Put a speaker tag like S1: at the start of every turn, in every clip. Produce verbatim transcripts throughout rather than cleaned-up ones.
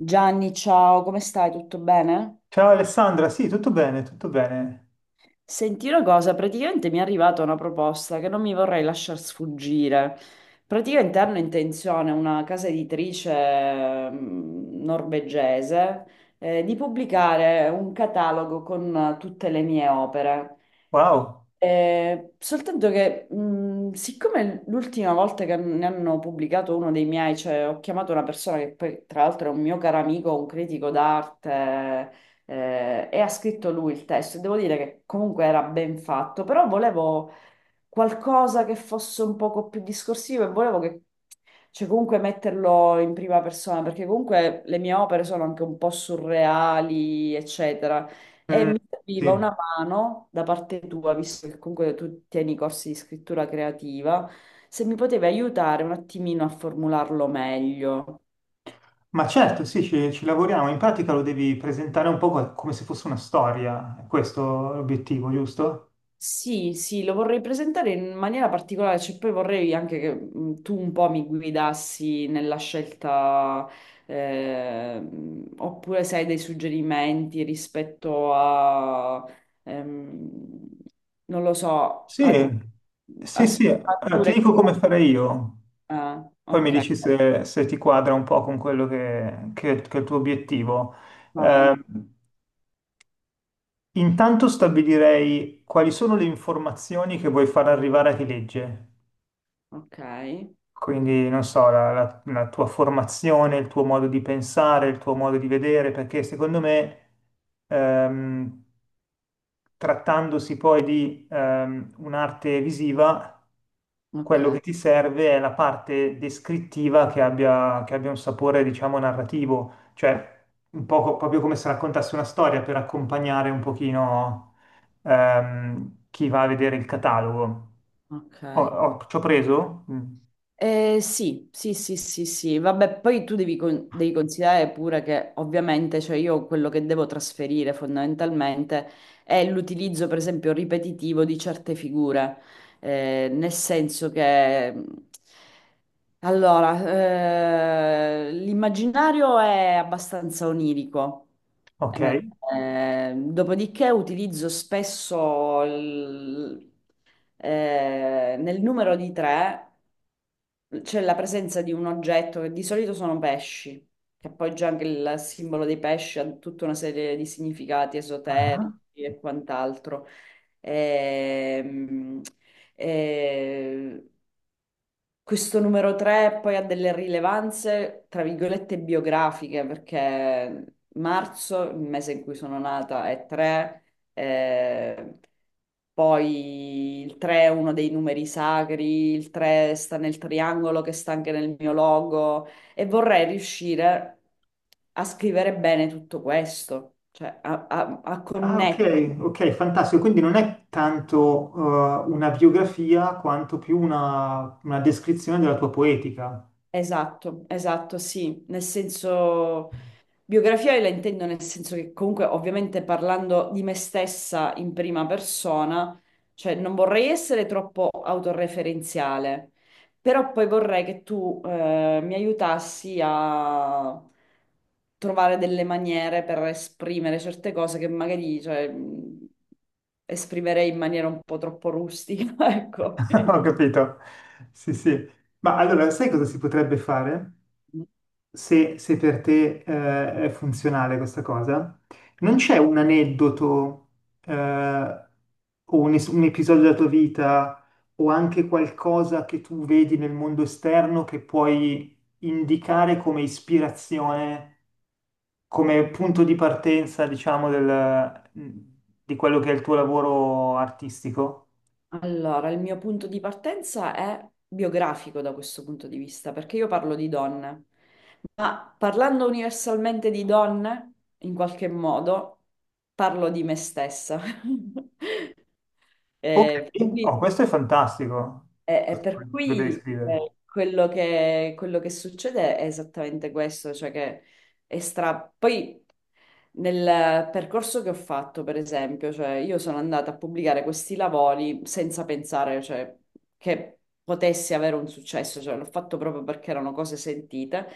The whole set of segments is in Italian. S1: Gianni, ciao, come stai? Tutto bene?
S2: Ciao Alessandra, sì, tutto bene, tutto bene.
S1: Senti una cosa, praticamente mi è arrivata una proposta che non mi vorrei lasciar sfuggire. Praticamente hanno intenzione una casa editrice ehm, norvegese eh, di pubblicare un catalogo con eh, tutte le mie opere.
S2: Wow.
S1: Eh, soltanto che, mh, siccome l'ultima volta che ne hanno pubblicato uno dei miei, cioè ho chiamato una persona che poi tra l'altro è un mio caro amico, un critico d'arte, eh, e ha scritto lui il testo, e devo dire che comunque era ben fatto, però volevo qualcosa che fosse un poco più discorsivo e volevo che, cioè comunque metterlo in prima persona, perché comunque le mie opere sono anche un po' surreali, eccetera. E
S2: Mm,
S1: mi serviva
S2: sì.
S1: una mano da parte tua, visto che comunque tu tieni corsi di scrittura creativa, se mi potevi aiutare un attimino a formularlo meglio.
S2: Ma certo, sì, ci, ci lavoriamo. In pratica lo devi presentare un po' co- come se fosse una storia. È questo l'obiettivo, giusto?
S1: Sì, sì, lo vorrei presentare in maniera particolare, cioè poi vorrei anche che mh, tu un po' mi guidassi nella scelta, ehm, oppure se hai dei suggerimenti rispetto a, ehm, non lo so, a,
S2: Sì, sì,
S1: a
S2: sì. Allora, ti
S1: sfumature.
S2: dico
S1: che-
S2: come farei io.
S1: Ah,
S2: Poi mi
S1: ok,
S2: dici se, se ti quadra un po' con quello che, che- che è il tuo obiettivo.
S1: vai,
S2: Eh, Intanto stabilirei quali sono le informazioni che vuoi far arrivare a chi legge.
S1: ok,
S2: Quindi, non so, la, la- la tua formazione, il tuo modo di pensare, il tuo modo di vedere, perché secondo me, ehm, trattandosi poi di ehm, un'arte visiva,
S1: ok,
S2: quello che ti serve è la parte descrittiva che abbia, che abbia un sapore, diciamo, narrativo, cioè un po' co- proprio come se raccontassi una storia per accompagnare un pochino ehm, chi va a vedere il catalogo.
S1: ok.
S2: Ho- ho- ci ho preso? Mm,
S1: Eh, sì, sì, sì, sì, sì, vabbè, poi tu devi, con- devi considerare pure che ovviamente, cioè io quello che devo trasferire fondamentalmente è l'utilizzo, per esempio, ripetitivo di certe figure. Eh, nel senso che, mh, allora, eh, l'immaginario è abbastanza onirico. Eh,
S2: ok.
S1: eh, Dopodiché utilizzo spesso eh, nel numero di tre c'è la presenza di un oggetto che di solito sono pesci, che poi già anche il simbolo dei pesci ha tutta una serie di significati
S2: Ah,
S1: esoterici e quant'altro. Ehm, eh, Questo numero tre poi ha delle rilevanze, tra virgolette, biografiche, perché marzo, il mese in cui sono nata, è tre, eh, poi il tre è uno dei numeri sacri, il tre sta nel triangolo che sta anche nel mio logo e vorrei riuscire a scrivere bene tutto questo, cioè a, a a
S2: ah,
S1: connettere.
S2: ok, ok, fantastico. Quindi non è tanto eh, una biografia quanto più una, una descrizione della tua poetica.
S1: Esatto, esatto, sì, nel senso. Biografia io la intendo nel senso che comunque ovviamente parlando di me stessa in prima persona, cioè non vorrei essere troppo autoreferenziale, però poi vorrei che tu eh, mi aiutassi a trovare delle maniere per esprimere certe cose che magari cioè, mh, esprimerei in maniera un po' troppo rustica, ecco.
S2: Ho capito. Sì, sì. Ma allora, sai cosa si potrebbe fare? Se, se per te, eh, è funzionale questa cosa? Non c'è un aneddoto, eh, o un, es- un episodio della tua vita o anche qualcosa che tu vedi nel mondo esterno che puoi indicare come ispirazione, come punto di partenza, diciamo, del- di quello che è il tuo lavoro artistico?
S1: Allora, il mio punto di partenza è biografico da questo punto di vista, perché io parlo di donne, ma parlando universalmente di donne, in qualche modo, parlo di me stessa.
S2: Ok,
S1: Eh, quindi
S2: oh, questo è fantastico.
S1: e, e
S2: Questo
S1: per
S2: lo devi
S1: cui
S2: scrivere.
S1: eh, quello che, quello che succede è esattamente questo, cioè che è stra- poi nel percorso che ho fatto, per esempio, cioè io sono andata a pubblicare questi lavori senza pensare, cioè, che potessi avere un successo, cioè l'ho fatto proprio perché erano cose sentite.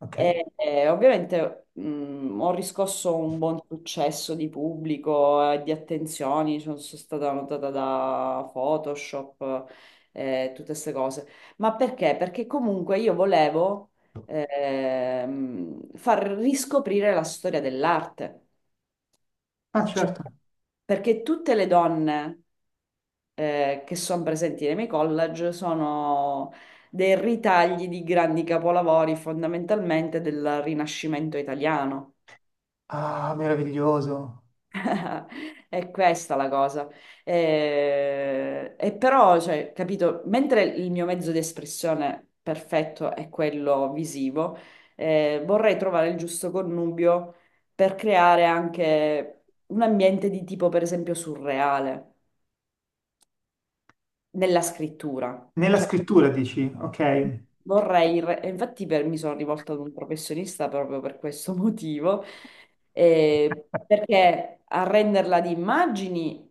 S2: Ok.
S1: E, e ovviamente mh, ho riscosso un buon successo di pubblico e di attenzioni, cioè, sono stata notata da Photoshop eh, tutte queste cose. Ma perché? Perché comunque io volevo ehm, far riscoprire la storia dell'arte.
S2: Ah,
S1: Cioè,
S2: certo.
S1: perché tutte le donne eh, che sono presenti nei miei college sono dei ritagli di grandi capolavori fondamentalmente del Rinascimento italiano.
S2: Ah, meraviglioso.
S1: È questa la cosa. Eh, E, però, cioè, capito, mentre il mio mezzo di espressione perfetto è quello visivo, eh, vorrei trovare il giusto connubio per creare anche un ambiente di tipo, per esempio, surreale nella scrittura.
S2: Nella
S1: Cioè,
S2: scrittura dici, ok.
S1: vorrei, re- e infatti per- mi sono rivolta ad un professionista proprio per questo motivo, eh, perché arrenderla di immagini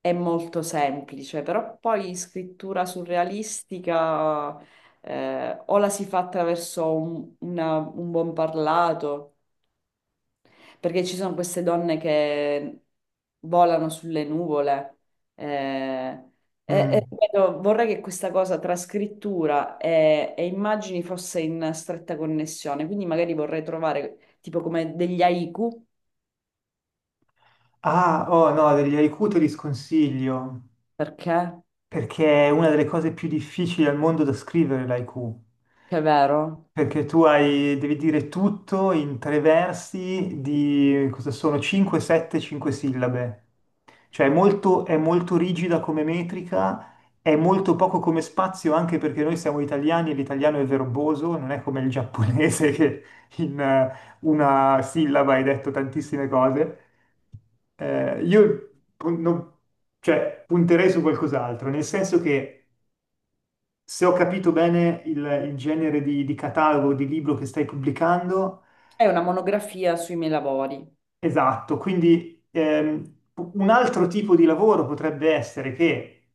S1: è molto semplice, però poi scrittura surrealistica, eh, o la si fa attraverso un, una- un buon parlato, perché ci sono queste donne che volano sulle nuvole. eh, e- e
S2: Mm.
S1: ripeto, vorrei che questa cosa tra scrittura e, e immagini fosse in stretta connessione, quindi magari vorrei trovare tipo come degli haiku,
S2: Ah, oh no, degli haiku te li sconsiglio.
S1: perché?
S2: Perché è una delle cose più difficili al mondo da scrivere l'I Q.
S1: Che è vero?
S2: Perché tu hai, devi dire tutto in tre versi di cosa sono cinque, sette, cinque sillabe. Cioè è molto, è molto rigida come metrica, è molto poco come spazio anche perché noi siamo italiani e l'italiano è verboso, non è come il giapponese che in eh, una sillaba hai detto tantissime cose. Eh, io pun- non- cioè, punterei su qualcos'altro, nel senso che se ho capito bene il, il genere di, di catalogo di libro che stai pubblicando,
S1: È una monografia sui miei lavori.
S2: esatto, quindi ehm, un altro tipo di lavoro potrebbe essere che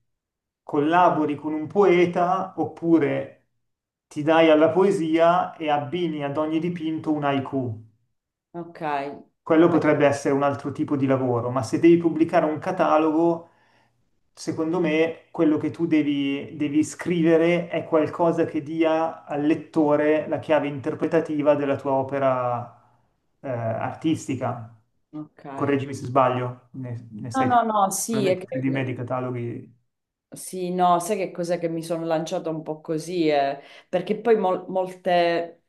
S2: collabori con un poeta oppure ti dai alla poesia e abbini ad ogni dipinto un haiku.
S1: Ok,
S2: Quello potrebbe essere un altro tipo di lavoro, ma se devi pubblicare un catalogo, secondo me quello che tu devi, devi scrivere è qualcosa che dia al lettore la chiave interpretativa della tua opera, eh, artistica.
S1: ok.
S2: Correggimi se sbaglio, ne, ne
S1: No,
S2: sai
S1: no, no, sì, è
S2: probabilmente più
S1: che-
S2: di me di cataloghi.
S1: sì, no, sai che cos'è che mi sono lanciata un po' così, eh, perché poi mol- molte...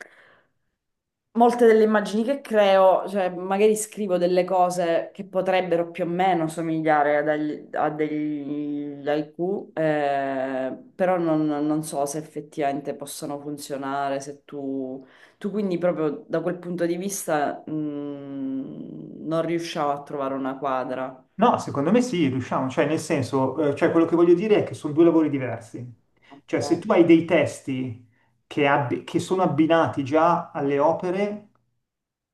S1: molte delle immagini che creo, cioè magari scrivo delle cose che potrebbero più o meno somigliare ad agli- a degli haiku, eh, però non, non so se effettivamente possano funzionare, se tu, tu quindi proprio da quel punto di vista, mm, non riusciamo a trovare una quadra.
S2: No, secondo me sì, riusciamo, cioè nel senso, eh, cioè quello che voglio dire è che sono due lavori diversi. Cioè se
S1: Ok,
S2: tu hai dei testi che, abbi- che sono abbinati già alle opere,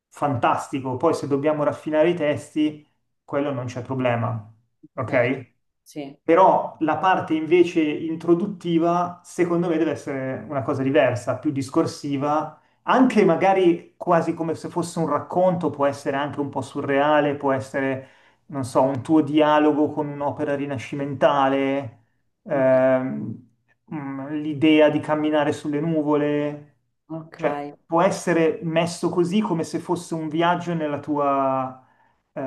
S2: fantastico, poi se dobbiamo raffinare i testi, quello non c'è problema,
S1: ok,
S2: ok?
S1: sì,
S2: Però la parte invece introduttiva, secondo me, deve essere una cosa diversa, più discorsiva, anche magari quasi come se fosse un racconto, può essere anche un po' surreale, può essere, non so, un tuo dialogo con un'opera rinascimentale,
S1: ok,
S2: ehm, mm, l'idea di camminare sulle nuvole,
S1: ok,
S2: cioè può essere messo così come se fosse un viaggio nella tua eh,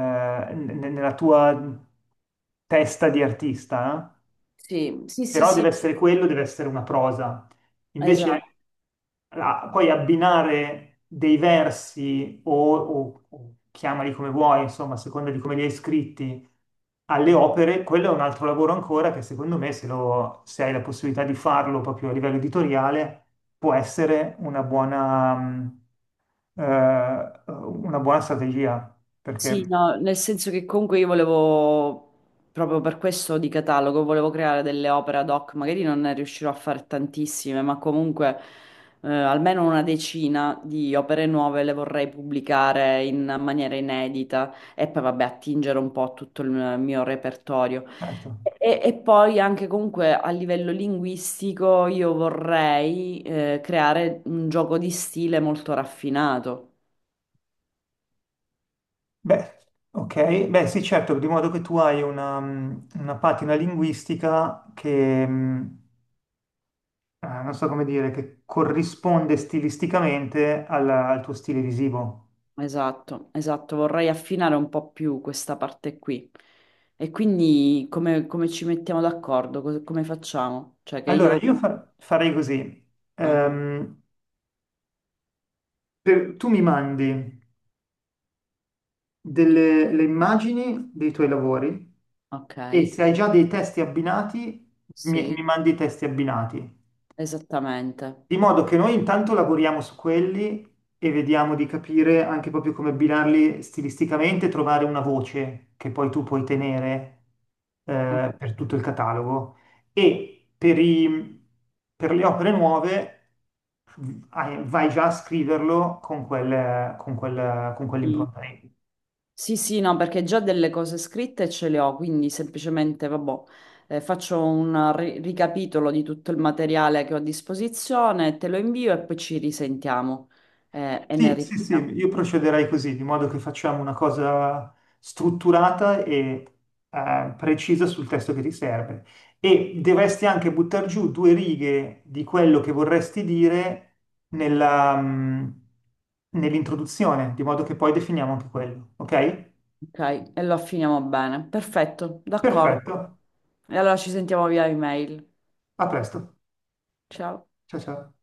S2: ne- nella tua testa di artista, eh?
S1: sì, sì, sì,
S2: Però deve
S1: sì,
S2: essere quello, deve essere una prosa.
S1: esatto.
S2: Invece, la- poi abbinare dei versi o, o- o chiamali come vuoi, insomma, a seconda di come li hai scritti, alle opere, quello è un altro lavoro ancora che secondo me, se, lo- se hai la possibilità di farlo proprio a livello editoriale, può essere una buona, mm, eh, una buona strategia,
S1: Sì,
S2: perché
S1: no, nel senso che comunque io volevo, proprio per questo di catalogo, volevo creare delle opere ad hoc, magari non ne riuscirò a fare tantissime, ma comunque eh, almeno una decina di opere nuove le vorrei pubblicare in maniera inedita e poi vabbè attingere un po' a tutto il mio repertorio.
S2: certo.
S1: E, e poi anche comunque a livello linguistico io vorrei eh, creare un gioco di stile molto raffinato.
S2: Beh, ok. Beh, sì, certo, di modo che tu hai una, mh, una patina linguistica che, mh, eh, non so come dire, che corrisponde stilisticamente alla- al, tuo stile visivo.
S1: Esatto, esatto, vorrei affinare un po' più questa parte qui. E quindi come, come ci mettiamo d'accordo? Cos- Come facciamo? Cioè che
S2: Allora,
S1: io...
S2: io fa- farei così.
S1: Ah,
S2: Ehm, per- Tu mi mandi delle le immagini dei tuoi lavori
S1: ok,
S2: e se hai già dei testi abbinati, mi,
S1: sì,
S2: mi mandi i testi abbinati.
S1: esattamente.
S2: Di modo che noi intanto lavoriamo su quelli e vediamo di capire anche proprio come abbinarli stilisticamente, trovare una voce che poi tu puoi tenere
S1: Ok.
S2: eh, per tutto il catalogo. E per i- per le opere nuove v- hai- vai già a scriverlo con quel- con quel- con quell'impronta lì.
S1: Sì, sì, no, perché già delle cose scritte ce le ho, quindi semplicemente, vabbè, eh, faccio un ri- ricapitolo di tutto il materiale che ho a disposizione, te lo invio e poi ci risentiamo eh, e ne
S2: Sì, sì, sì,
S1: riparliamo.
S2: io procederei così, di modo che facciamo una cosa strutturata e eh, precisa sul testo che ti serve. E dovresti anche buttare giù due righe di quello che vorresti dire nella, mm, nell'introduzione, di modo che poi definiamo anche quello, ok?
S1: Ok, e lo affiniamo bene. Perfetto, d'accordo.
S2: Perfetto,
S1: E allora ci sentiamo via email.
S2: a presto.
S1: Ciao.
S2: Ciao ciao.